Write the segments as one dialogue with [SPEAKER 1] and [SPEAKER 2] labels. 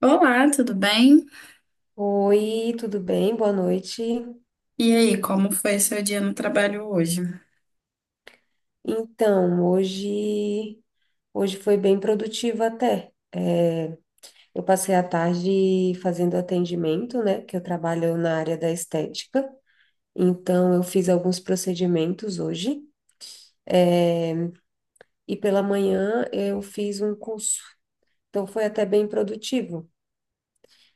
[SPEAKER 1] Olá, tudo bem?
[SPEAKER 2] Oi, tudo bem? Boa noite.
[SPEAKER 1] E aí, como foi seu dia no trabalho hoje?
[SPEAKER 2] Então, hoje, hoje foi bem produtivo até. Eu passei a tarde fazendo atendimento, né? Que eu trabalho na área da estética. Então, eu fiz alguns procedimentos hoje. É, E pela manhã eu fiz um curso. Então, foi até bem produtivo.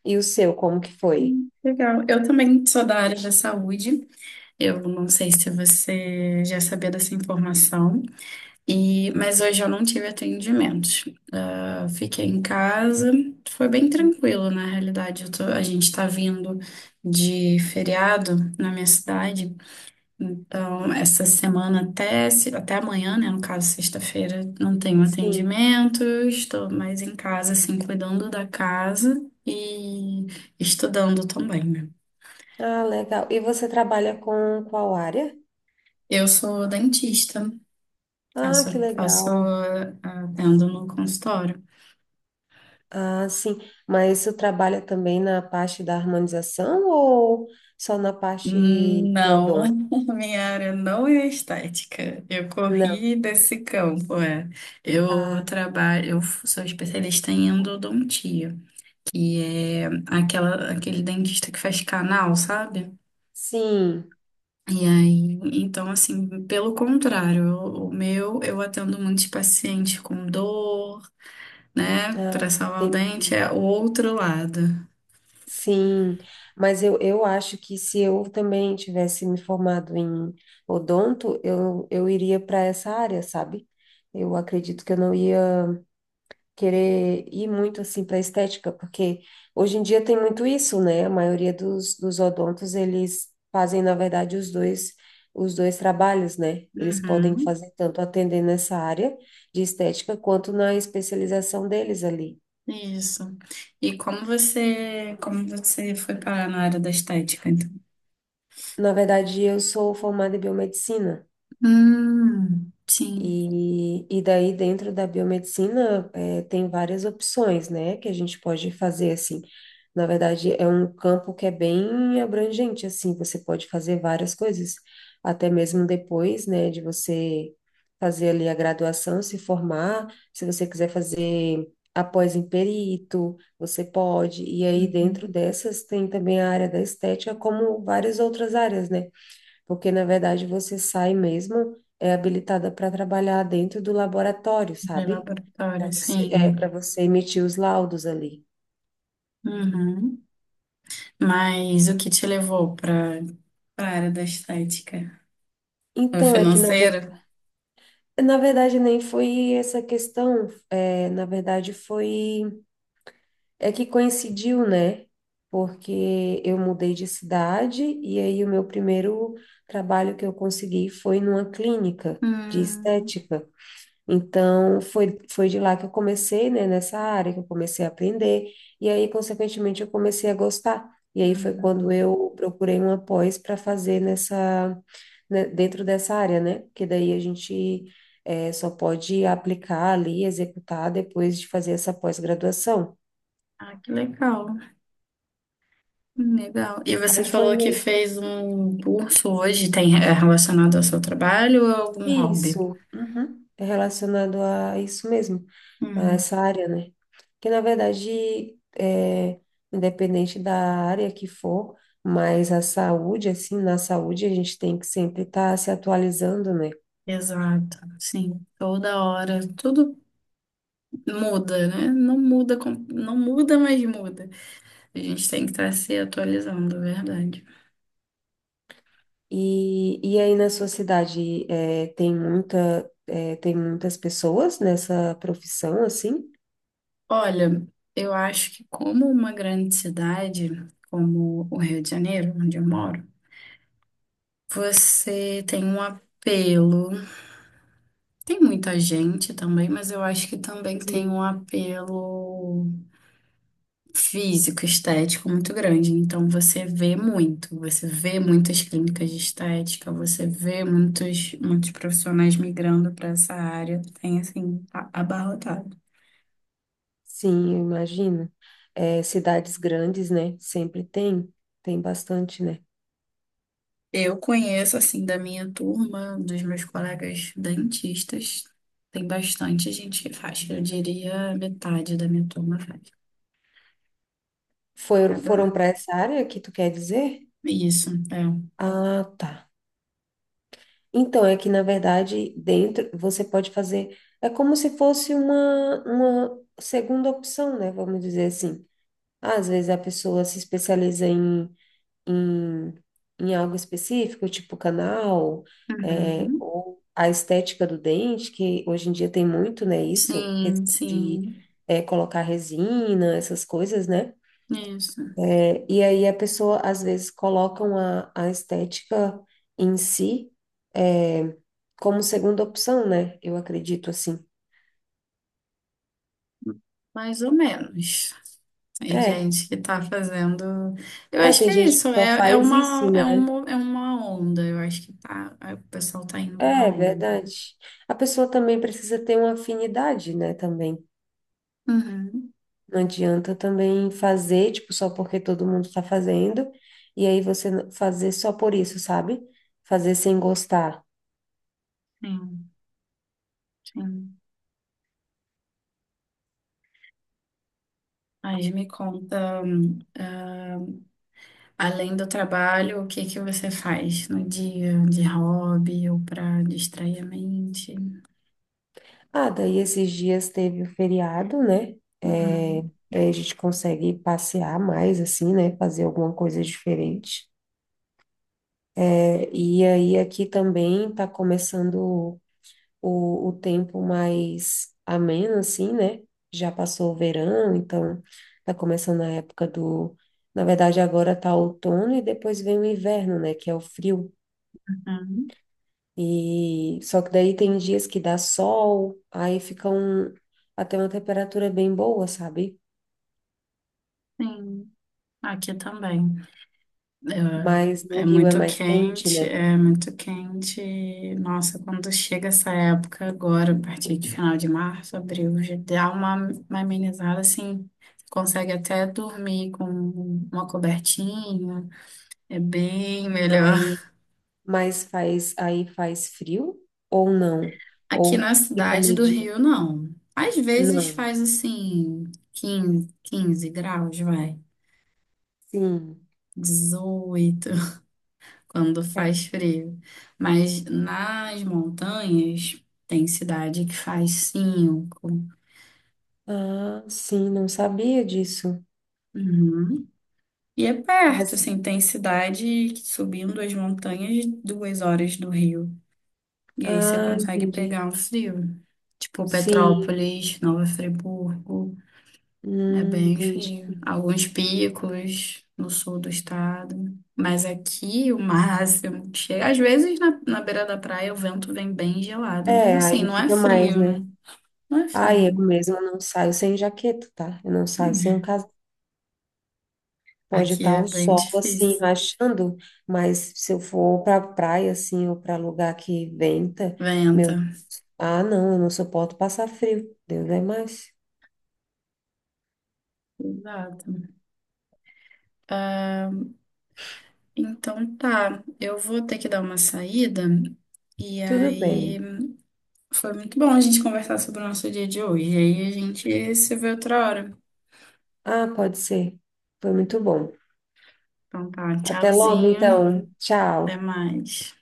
[SPEAKER 2] E o seu, como que foi?
[SPEAKER 1] Legal. Eu também sou da área da saúde. Eu não sei se você já sabia dessa informação, mas hoje eu não tive atendimentos. Ah, fiquei em casa. Foi bem tranquilo, na realidade. A gente está vindo de feriado na minha cidade. Então, essa semana até, até amanhã, né? No caso, sexta-feira, não tenho
[SPEAKER 2] Sim.
[SPEAKER 1] atendimento, estou mais em casa, assim, cuidando da casa e estudando também, né?
[SPEAKER 2] Ah, legal. E você trabalha com qual área?
[SPEAKER 1] Eu sou dentista,
[SPEAKER 2] Ah, que
[SPEAKER 1] faço, faço,
[SPEAKER 2] legal.
[SPEAKER 1] ah, atendo no consultório.
[SPEAKER 2] Ah, sim. Mas você trabalha também na parte da harmonização ou só na parte de
[SPEAKER 1] Não,
[SPEAKER 2] odonto?
[SPEAKER 1] minha área não é estética. Eu
[SPEAKER 2] Não.
[SPEAKER 1] corri desse campo, é.
[SPEAKER 2] Ah,
[SPEAKER 1] Eu sou especialista em endodontia. E é aquele dentista que faz canal, sabe?
[SPEAKER 2] sim.
[SPEAKER 1] E aí, então, assim, pelo contrário, eu atendo muitos pacientes com dor, né? Para
[SPEAKER 2] Ah,
[SPEAKER 1] salvar o dente,
[SPEAKER 2] entendi.
[SPEAKER 1] é o outro lado.
[SPEAKER 2] Sim. Mas eu acho que se eu também tivesse me formado em odonto, eu iria para essa área, sabe? Eu acredito que eu não ia querer ir muito assim para estética, porque hoje em dia tem muito isso, né? A maioria dos odontos, eles fazem, na verdade, os dois trabalhos, né? Eles podem
[SPEAKER 1] Uhum,
[SPEAKER 2] fazer tanto atender nessa área de estética quanto na especialização deles ali.
[SPEAKER 1] isso. E como você foi parar na área da estética, então?
[SPEAKER 2] Na verdade, eu sou formada em biomedicina.
[SPEAKER 1] Sim.
[SPEAKER 2] E daí, dentro da biomedicina, tem várias opções, né, que a gente pode fazer, assim. Na verdade, é um campo que é bem abrangente, assim, você pode fazer várias coisas, até mesmo depois, né, de você fazer ali a graduação, se formar, se você quiser fazer após em perito, você pode. E aí, dentro
[SPEAKER 1] Uhum.
[SPEAKER 2] dessas, tem também a área da estética, como várias outras áreas, né? Porque na verdade você sai mesmo é habilitada para trabalhar dentro do laboratório,
[SPEAKER 1] De
[SPEAKER 2] sabe? Para
[SPEAKER 1] laboratório,
[SPEAKER 2] você, é,
[SPEAKER 1] sim.
[SPEAKER 2] para você emitir os laudos ali.
[SPEAKER 1] Uhum. Mas o que te levou para a área da estética? É
[SPEAKER 2] Então, é que na,
[SPEAKER 1] financeiro?
[SPEAKER 2] na verdade nem foi essa questão, é, na verdade foi, é que coincidiu, né? Porque eu mudei de cidade e aí o meu primeiro trabalho que eu consegui foi numa clínica de
[SPEAKER 1] Hum,
[SPEAKER 2] estética. Então, foi, foi de lá que eu comecei, né, nessa área, que eu comecei a aprender, e aí, consequentemente, eu comecei a gostar. E aí foi quando
[SPEAKER 1] uhum.
[SPEAKER 2] eu procurei uma pós para fazer nessa, né, dentro dessa área, né? Porque daí a gente só pode aplicar ali, executar depois de fazer essa pós-graduação.
[SPEAKER 1] Ah, que legal. Legal. E você
[SPEAKER 2] Aí foi
[SPEAKER 1] falou que
[SPEAKER 2] meio
[SPEAKER 1] fez um curso hoje, tem é relacionado ao seu trabalho ou a algum hobby?
[SPEAKER 2] isso, uhum, é relacionado a isso mesmo, a
[SPEAKER 1] Hum,
[SPEAKER 2] essa área, né? Que na verdade, é, independente da área que for, mas a saúde, assim, na saúde a gente tem que sempre estar se atualizando, né?
[SPEAKER 1] Exato, sim, toda hora, tudo muda, né? Não muda, não muda, mas muda. A gente tem que estar se atualizando, é verdade.
[SPEAKER 2] E aí na sua cidade é, tem muita, é, tem muitas pessoas nessa profissão, assim?
[SPEAKER 1] Olha, eu acho que como uma grande cidade, como o Rio de Janeiro, onde eu moro. Você tem um apelo. Tem muita gente também, mas eu acho que também tem um
[SPEAKER 2] Sim.
[SPEAKER 1] apelo físico, estético muito grande. Então você vê muito, você vê muitas clínicas de estética, você vê muitos, muitos profissionais migrando para essa área. Tem assim, abarrotado.
[SPEAKER 2] Sim, eu imagino. É, cidades grandes, né? Sempre tem, tem bastante, né?
[SPEAKER 1] Eu conheço assim da minha turma, dos meus colegas dentistas, tem bastante gente que faz. Eu diria metade da minha turma faz.
[SPEAKER 2] Foram, foram para essa área que tu quer dizer?
[SPEAKER 1] Isso, é.
[SPEAKER 2] Ah, tá. Então, é que na verdade, dentro você pode fazer. É como se fosse uma segunda opção, né? Vamos dizer assim. Às vezes a pessoa se especializa em, em algo específico, tipo canal, é,
[SPEAKER 1] Uhum.
[SPEAKER 2] ou a estética do dente, que hoje em dia tem muito, né? Isso,
[SPEAKER 1] Sim,
[SPEAKER 2] questão de
[SPEAKER 1] sim.
[SPEAKER 2] é, colocar resina, essas coisas, né?
[SPEAKER 1] Isso.
[SPEAKER 2] É, e aí a pessoa, às vezes, colocam a estética em si é, como segunda opção, né? Eu acredito assim.
[SPEAKER 1] Mais ou menos. Tem
[SPEAKER 2] É,
[SPEAKER 1] gente que tá fazendo. Eu
[SPEAKER 2] é,
[SPEAKER 1] acho
[SPEAKER 2] tem
[SPEAKER 1] que é
[SPEAKER 2] gente que
[SPEAKER 1] isso.
[SPEAKER 2] só
[SPEAKER 1] É, é
[SPEAKER 2] faz isso,
[SPEAKER 1] uma, é
[SPEAKER 2] né?
[SPEAKER 1] uma, é uma onda. Eu acho que tá, o pessoal tá indo na
[SPEAKER 2] É,
[SPEAKER 1] onda.
[SPEAKER 2] verdade. A pessoa também precisa ter uma afinidade, né? Também.
[SPEAKER 1] Uhum.
[SPEAKER 2] Não adianta também fazer, tipo, só porque todo mundo está fazendo, e aí você fazer só por isso, sabe? Fazer sem gostar.
[SPEAKER 1] Sim, sim. Mas me conta, além do trabalho, o que que você faz no dia de hobby ou para distrair a mente?
[SPEAKER 2] Ah, daí esses dias teve o feriado, né? É,
[SPEAKER 1] Uhum.
[SPEAKER 2] daí a gente consegue passear mais, assim, né? Fazer alguma coisa diferente. É, e aí aqui também tá começando o tempo mais ameno, assim, né? Já passou o verão, então tá começando a época do... Na verdade, agora tá outono e depois vem o inverno, né? Que é o frio.
[SPEAKER 1] Uhum.
[SPEAKER 2] E só que daí tem dias que dá sol, aí fica um... até uma temperatura bem boa, sabe?
[SPEAKER 1] Sim, aqui também.
[SPEAKER 2] Mas
[SPEAKER 1] É,
[SPEAKER 2] no
[SPEAKER 1] é
[SPEAKER 2] Rio é
[SPEAKER 1] muito
[SPEAKER 2] mais quente,
[SPEAKER 1] quente,
[SPEAKER 2] né?
[SPEAKER 1] é muito quente. Nossa, quando chega essa época agora, a partir de final de março, abril, já dá uma amenizada assim. Consegue até dormir com uma cobertinha, é bem melhor.
[SPEAKER 2] Aí, mas faz, aí faz frio ou não?
[SPEAKER 1] Aqui
[SPEAKER 2] Ou
[SPEAKER 1] na
[SPEAKER 2] fica
[SPEAKER 1] cidade do
[SPEAKER 2] mediano?
[SPEAKER 1] Rio, não. Às vezes
[SPEAKER 2] Não.
[SPEAKER 1] faz assim, quinze graus, vai,
[SPEAKER 2] Sim.
[SPEAKER 1] 18, quando
[SPEAKER 2] É.
[SPEAKER 1] faz frio. Mas nas montanhas tem cidade que faz 5.
[SPEAKER 2] Ah, sim, não sabia disso.
[SPEAKER 1] Uhum. E é perto,
[SPEAKER 2] Mas,
[SPEAKER 1] assim, tem cidade que subindo as montanhas 2 horas do Rio. E aí você
[SPEAKER 2] ah,
[SPEAKER 1] consegue
[SPEAKER 2] entendi.
[SPEAKER 1] pegar um frio. Tipo
[SPEAKER 2] Sim,
[SPEAKER 1] Petrópolis, Nova Friburgo. É bem
[SPEAKER 2] entendi.
[SPEAKER 1] frio. Alguns picos no sul do estado. Mas aqui o máximo que chega. Às vezes na beira da praia o vento vem bem gelado. Mas
[SPEAKER 2] É,
[SPEAKER 1] assim,
[SPEAKER 2] aí
[SPEAKER 1] não é
[SPEAKER 2] fica mais,
[SPEAKER 1] frio, né?
[SPEAKER 2] né?
[SPEAKER 1] Não é
[SPEAKER 2] Ah, eu
[SPEAKER 1] frio.
[SPEAKER 2] mesmo não saio sem jaqueta, tá? Eu não saio sem um casaco. Pode
[SPEAKER 1] Aqui
[SPEAKER 2] estar
[SPEAKER 1] é
[SPEAKER 2] o
[SPEAKER 1] bem
[SPEAKER 2] sol assim
[SPEAKER 1] difícil.
[SPEAKER 2] rachando, mas se eu for para praia assim ou para lugar que venta,
[SPEAKER 1] Venta.
[SPEAKER 2] meu Ah, não, eu não suporto passar frio. Deus é mais.
[SPEAKER 1] Exato. Então tá, eu vou ter que dar uma saída. E
[SPEAKER 2] Tudo
[SPEAKER 1] aí
[SPEAKER 2] bem.
[SPEAKER 1] foi muito bom a gente conversar sobre o nosso dia de hoje. E aí a gente se vê outra hora.
[SPEAKER 2] Ah, pode ser. Foi muito bom.
[SPEAKER 1] Então tá,
[SPEAKER 2] Até logo,
[SPEAKER 1] tchauzinho.
[SPEAKER 2] então.
[SPEAKER 1] Até
[SPEAKER 2] Tchau.
[SPEAKER 1] mais.